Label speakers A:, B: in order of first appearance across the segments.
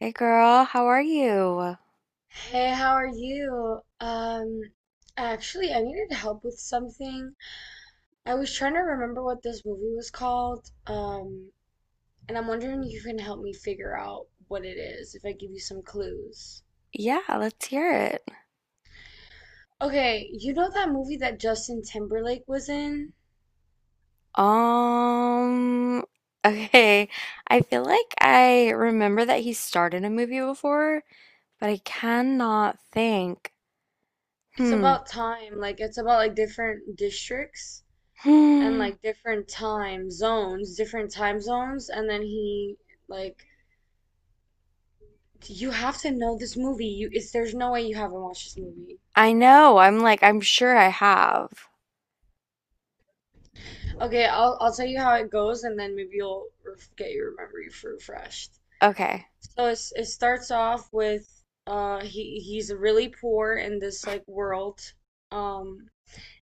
A: Hey girl, how are you?
B: Hey, how are you? Actually, I needed help with something. I was trying to remember what this movie was called. And I'm wondering if you can help me figure out what it is if I give you some clues.
A: Yeah, let's hear it.
B: Okay, you know that movie that Justin Timberlake was in?
A: Um, okay. I feel like I remember that he started a movie before, but I cannot think.
B: It's
A: Hmm.
B: about time. Like, it's about like different districts and
A: Hmm.
B: like different time zones, and then he like you have to know this movie. You it's there's no way you haven't watched this movie.
A: I know. I'm like, I'm sure I have.
B: Okay, I'll tell you how it goes, and then maybe you'll get your memory refreshed.
A: Okay.
B: So it starts off with he's really poor in this like world, um,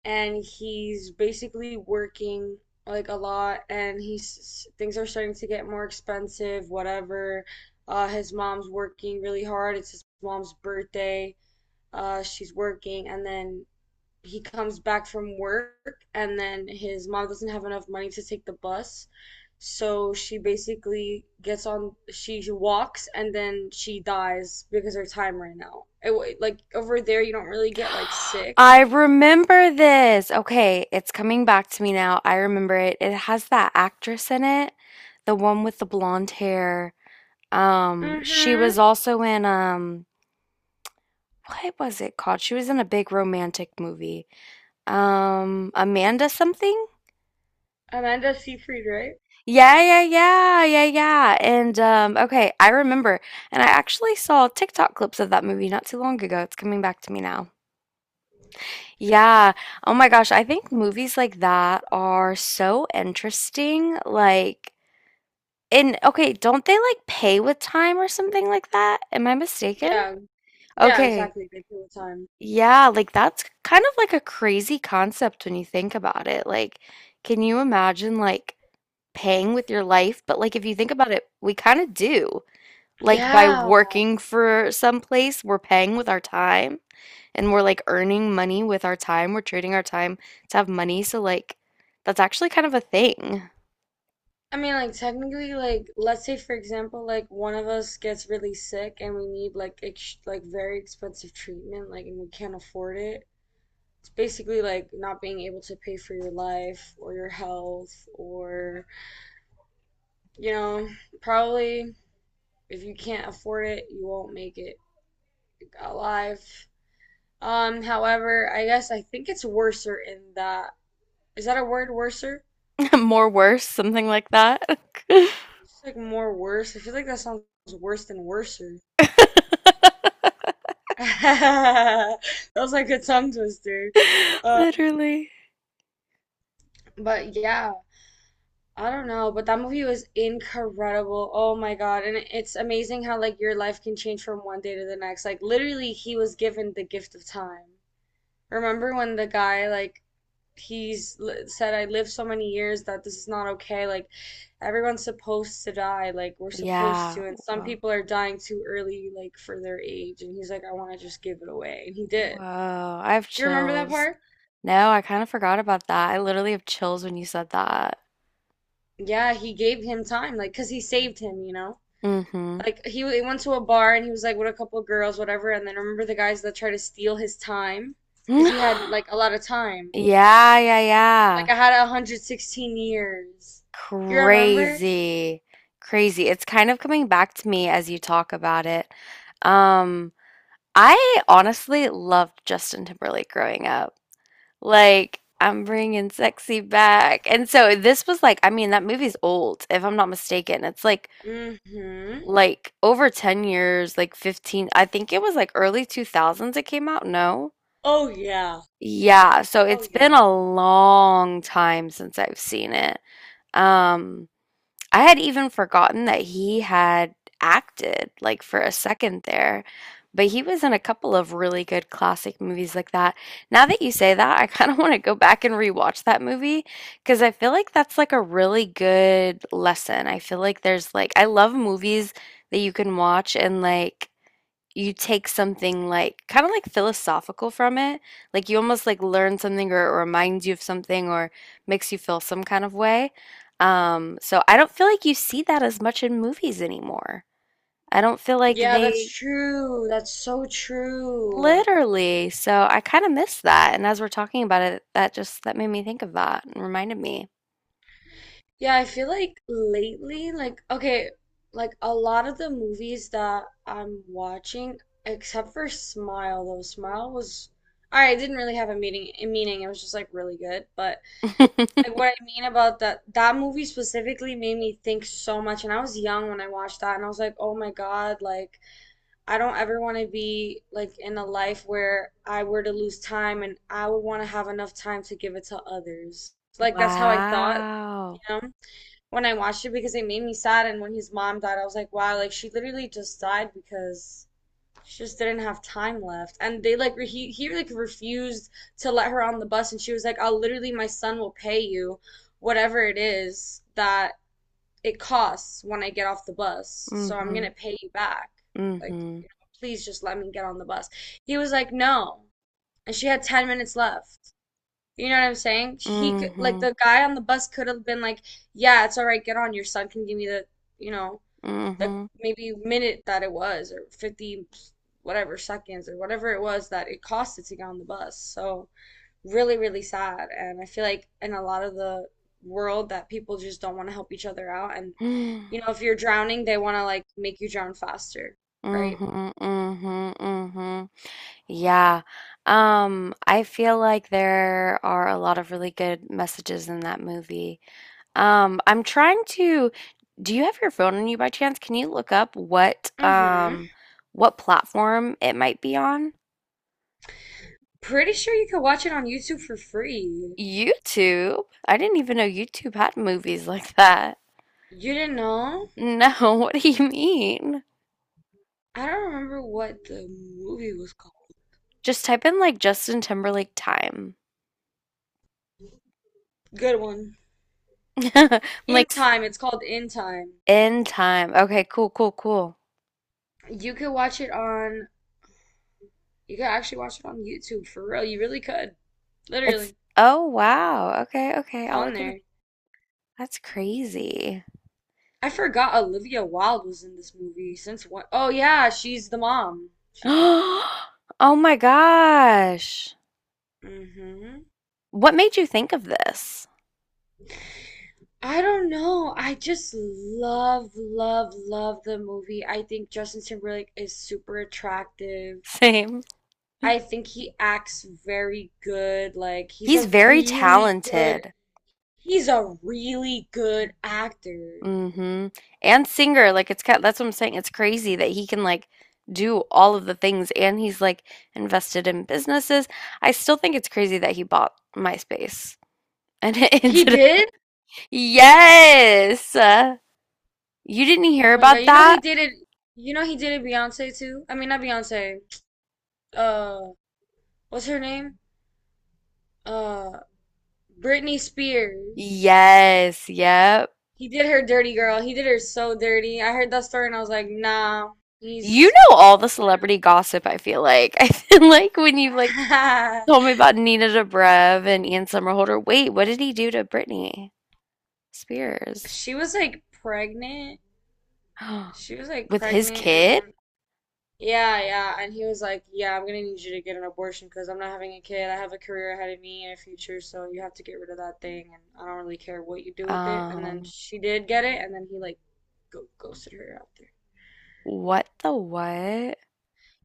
B: and he's basically working like a lot, and he's things are starting to get more expensive, whatever. His mom's working really hard. It's his mom's birthday. She's working, and then he comes back from work and then his mom doesn't have enough money to take the bus. So she basically gets on, she walks and then she dies because her time ran out. It, like over there, you don't really get like sick.
A: I remember this. Okay, it's coming back to me now. I remember it. It has that actress in it, the one with the blonde hair. She
B: Mm-hmm.
A: was also in what was it called? She was in a big romantic movie. Amanda something?
B: Amanda Seyfried, right?
A: Yeah, yeah, yeah, yeah, yeah. And okay, I remember. And I actually saw TikTok clips of that movie not too long ago. It's coming back to me now. Yeah. Oh my gosh, I think movies like that are so interesting. Like, and okay, don't they like pay with time or something like that? Am I mistaken?
B: Yeah, yeah,
A: Okay.
B: exactly. They kill the time.
A: Yeah, like that's kind of like a crazy concept when you think about it. Like, can you imagine like paying with your life? But like if you think about it, we kind of do. Like by
B: Yeah.
A: working for some place, we're paying with our time and we're like earning money with our time. We're trading our time to have money. So like that's actually kind of a thing.
B: I mean, like, technically, like, let's say, for example, like, one of us gets really sick and we need, like, ex like, very expensive treatment, like, and we can't afford it. It's basically like not being able to pay for your life or your health, or, you know, probably if you can't afford it, you won't make it alive. However, I guess I think it's worser in that. Is that a word, worser?
A: More worse, something like that.
B: It's like more worse. I feel like that sounds worse than worser. That was like a tongue twister. Um,
A: Literally.
B: but yeah, I don't know, but that movie was incredible. Oh my God. And it's amazing how like your life can change from one day to the next. Like literally he was given the gift of time. Remember when the guy said I lived so many years that this is not okay. Like everyone's supposed to die. Like we're supposed
A: Yeah.
B: to and some
A: Whoa.
B: people are dying too early like for their age and he's like I want to just give it away. And he did.
A: Whoa. I have
B: You remember that
A: chills.
B: part?
A: No, I kind of forgot about that. I literally have chills when you said that.
B: Yeah, he gave him time like 'cause he saved him, you know?
A: Mm-hmm.
B: Like he went to a bar and he was like with a couple of girls, whatever. And then I remember the guys that tried to steal his time because he had like a lot of time.
A: Yeah, yeah, yeah.
B: Like I had 116 years. You remember?
A: Crazy. Crazy. It's kind of coming back to me as you talk about it. Um, I honestly loved Justin Timberlake growing up. Like, I'm bringing sexy back. And so this was like, I mean, that movie's old, if I'm not mistaken. It's like
B: Mm-hmm.
A: like over 10 years, like 15. I think it was like early 2000s it came out. No.
B: Oh yeah.
A: Yeah, so
B: Oh
A: it's been
B: yeah.
A: a long time since I've seen it. Um, I had even forgotten that he had acted like for a second there, but he was in a couple of really good classic movies like that. Now that you say that, I kind of want to go back and rewatch that movie because I feel like that's like a really good lesson. I feel like there's like I love movies that you can watch and like you take something like kind of like philosophical from it. Like you almost like learn something or reminds you of something or makes you feel some kind of way. So I don't feel like you see that as much in movies anymore. I don't feel like
B: Yeah, that's
A: they
B: true. That's so true.
A: literally, so I kind of miss that. And as we're talking about it, that made me think of that and reminded me.
B: Yeah, I feel like lately, like, okay, like a lot of the movies that I'm watching, except for Smile, though Smile was, all right, it didn't really have a meaning, a meaning. It was just like really good. But like what I mean about that movie specifically made me think so much. And I was young when I watched that, and I was like, oh my God, like I don't ever want to be like in a life where I were to lose time, and I would want to have enough time to give it to others. Like that's how I thought, you
A: Wow.
B: know, when I watched it because it made me sad. And when his mom died, I was like, wow, like she literally just died because she just didn't have time left. And they like he like refused to let her on the bus, and she was like, I'll literally my son will pay you whatever it is that it costs when I get off the bus, so I'm
A: Mm-hmm.
B: gonna pay you back. Like,
A: Mm-hmm.
B: you know, please just let me get on the bus. He was like, no, and she had 10 minutes left. You know what I'm saying? He could, like,
A: Mm-hmm.
B: the guy on the bus could have been like, yeah, it's all right, get on. Your son can give me the, you know, the
A: Mm-hmm.
B: maybe minute that it was, or 50 whatever seconds, or whatever it was that it costed to get on the bus. So, really, really sad. And I feel like in a lot of the world that people just don't want to help each other out. And, you know, if you're drowning, they want to, like, make you drown faster,
A: mm
B: right?
A: Mhm, mm mhm, mm mhm. Yeah. I feel like there are a lot of really good messages in that movie. Um, I'm trying to, do you have your phone on you by chance? Can you look up
B: Mm-hmm.
A: what platform it might be on?
B: Pretty sure you could watch it on YouTube for free.
A: YouTube? I didn't even know YouTube had movies like that.
B: You didn't know?
A: No, what do you mean?
B: I don't remember what the movie was called.
A: Just type in like Justin Timberlake time.
B: Good one.
A: I'm Like
B: In
A: s-
B: Time. It's called In Time.
A: in time. Okay, cool, cool, cool.
B: You could watch it on. You could actually watch it on YouTube for real. You really could.
A: It's
B: Literally,
A: oh wow. Okay, okay.
B: it's
A: I'll
B: on
A: look it up.
B: there.
A: That's crazy.
B: I forgot Olivia Wilde was in this movie. Since what? Oh yeah, she's the mom. She's the mom.
A: Oh my gosh.
B: Hmm.
A: What made you think of this?
B: I don't know. I just love, love, love the movie. I think Justin Timberlake is super attractive.
A: Same.
B: I think he acts very good. Like he's
A: He's
B: a
A: very
B: really good
A: talented.
B: he's a really good actor.
A: Mm-hmm. And singer, like it's kind that's what I'm saying. It's crazy that he can like do all of the things and he's like invested in businesses. I still think it's crazy that he bought MySpace and it
B: He
A: ended up.
B: did?
A: Yes. You didn't
B: Oh
A: hear
B: my God.
A: about
B: You know he
A: that?
B: did it you know he did it Beyonce too? I mean not Beyonce. Uh what's her name? Uh Britney Spears.
A: Yes, yep.
B: He did her dirty girl. He did her so dirty. I heard that story and I was like, nah,
A: You
B: he's
A: know
B: no
A: all the celebrity
B: bueno.
A: gossip, I feel like. I feel like when you like told me about Nina Dobrev and Ian Somerhalder, wait, what did he do to Britney Spears?
B: She was like pregnant. She was like
A: With his
B: pregnant and
A: kid?
B: then yeah, yeah. And he was like, yeah, I'm gonna need you to get an abortion because I'm not having a kid. I have a career ahead of me and a future, so you have to get rid of that thing and I don't really care what you do with it. And then
A: Um,
B: she did get it and then he like go ghosted her out there.
A: what the what?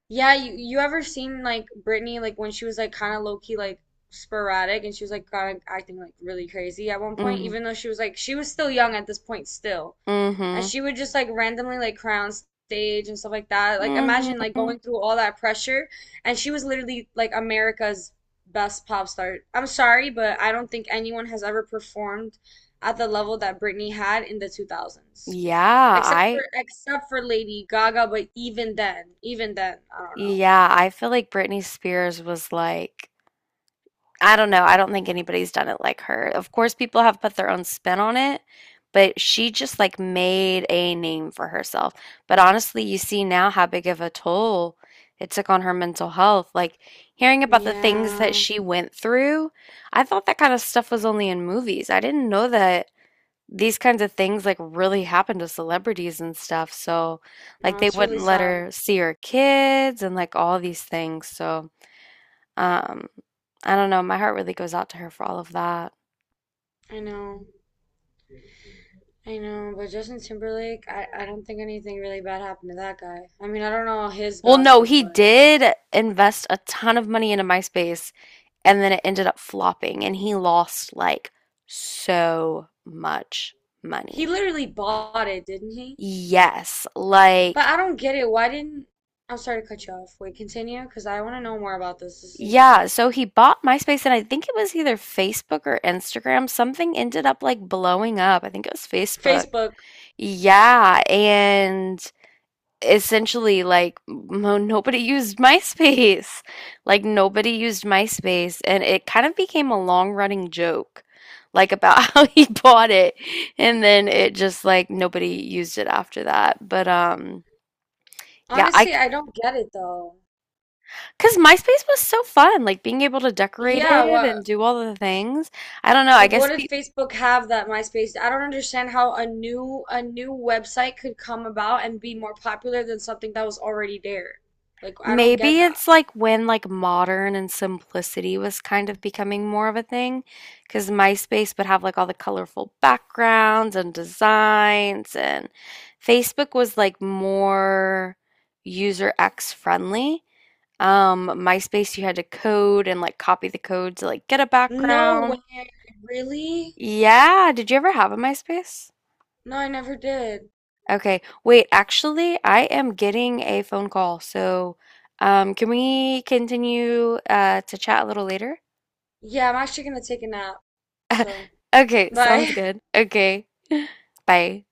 B: Yeah, you ever seen like Britney like when she was like kinda low key like sporadic and she was like kinda acting like really crazy at one point,
A: Mm,
B: even though she was like she was still young at this point still. And
A: mm-hmm.
B: she would just like randomly like cry on stage and stuff like that. Like imagine like
A: Mm-hmm.
B: going through all that pressure, and she was literally like America's best pop star. I'm sorry, but I don't think anyone has ever performed at the level that Britney had in the 2000s.
A: Yeah,
B: Except
A: I
B: for except for Lady Gaga, but even then, I don't know.
A: yeah, I feel like Britney Spears was like I don't know. I don't think anybody's done it like her. Of course, people have put their own spin on it, but she just like made a name for herself. But honestly, you see now how big of a toll it took on her mental health. Like hearing about the things that
B: Yeah,
A: she went through, I thought that kind of stuff was only in movies. I didn't know that these kinds of things like really happened to celebrities and stuff. So, like,
B: no,
A: they
B: it's really
A: wouldn't let
B: sad.
A: her see her kids and like all these things. So, um, I don't know. My heart really goes out to her for all of that.
B: I know, I know, but Justin Timberlake, I don't think anything really bad happened to that guy. I mean, I don't know his
A: Well, no,
B: gossip,
A: he
B: but
A: did invest a ton of money into MySpace and then it ended up flopping and he lost like so much
B: he
A: money.
B: literally bought it, didn't he?
A: Yes,
B: But
A: like,
B: I don't get it. Why didn't, I'm sorry to cut you off. Wait, continue, because I want to know more about this. This is
A: yeah.
B: interesting.
A: So he bought MySpace and I think it was either Facebook or Instagram. Something ended up like blowing up. I think it was Facebook.
B: Facebook.
A: Yeah. And essentially like mo nobody used MySpace. Like nobody used MySpace and it kind of became a long-running joke like about how he bought it and then it just like nobody used it after that. But yeah, I
B: Honestly, I don't get it though.
A: because MySpace was so fun, like being able to decorate
B: Yeah,
A: it and
B: what
A: do all the things. I don't know, I
B: like what
A: guess
B: did
A: people.
B: Facebook have that MySpace? I don't understand how a new website could come about and be more popular than something that was already there. Like I don't get
A: Maybe
B: that.
A: it's like when like modern and simplicity was kind of becoming more of a thing, because MySpace would have like all the colorful backgrounds and designs, and Facebook was like more user X friendly. MySpace, you had to code and like copy the code to like get a
B: No
A: background.
B: way. Really?
A: Yeah, did you ever have a MySpace?
B: No, I never did.
A: Okay. Wait, actually, I am getting a phone call. So, can we continue to chat a little later?
B: Yeah, I'm actually gonna take a nap. So,
A: Okay, sounds
B: bye.
A: good. Okay. Bye.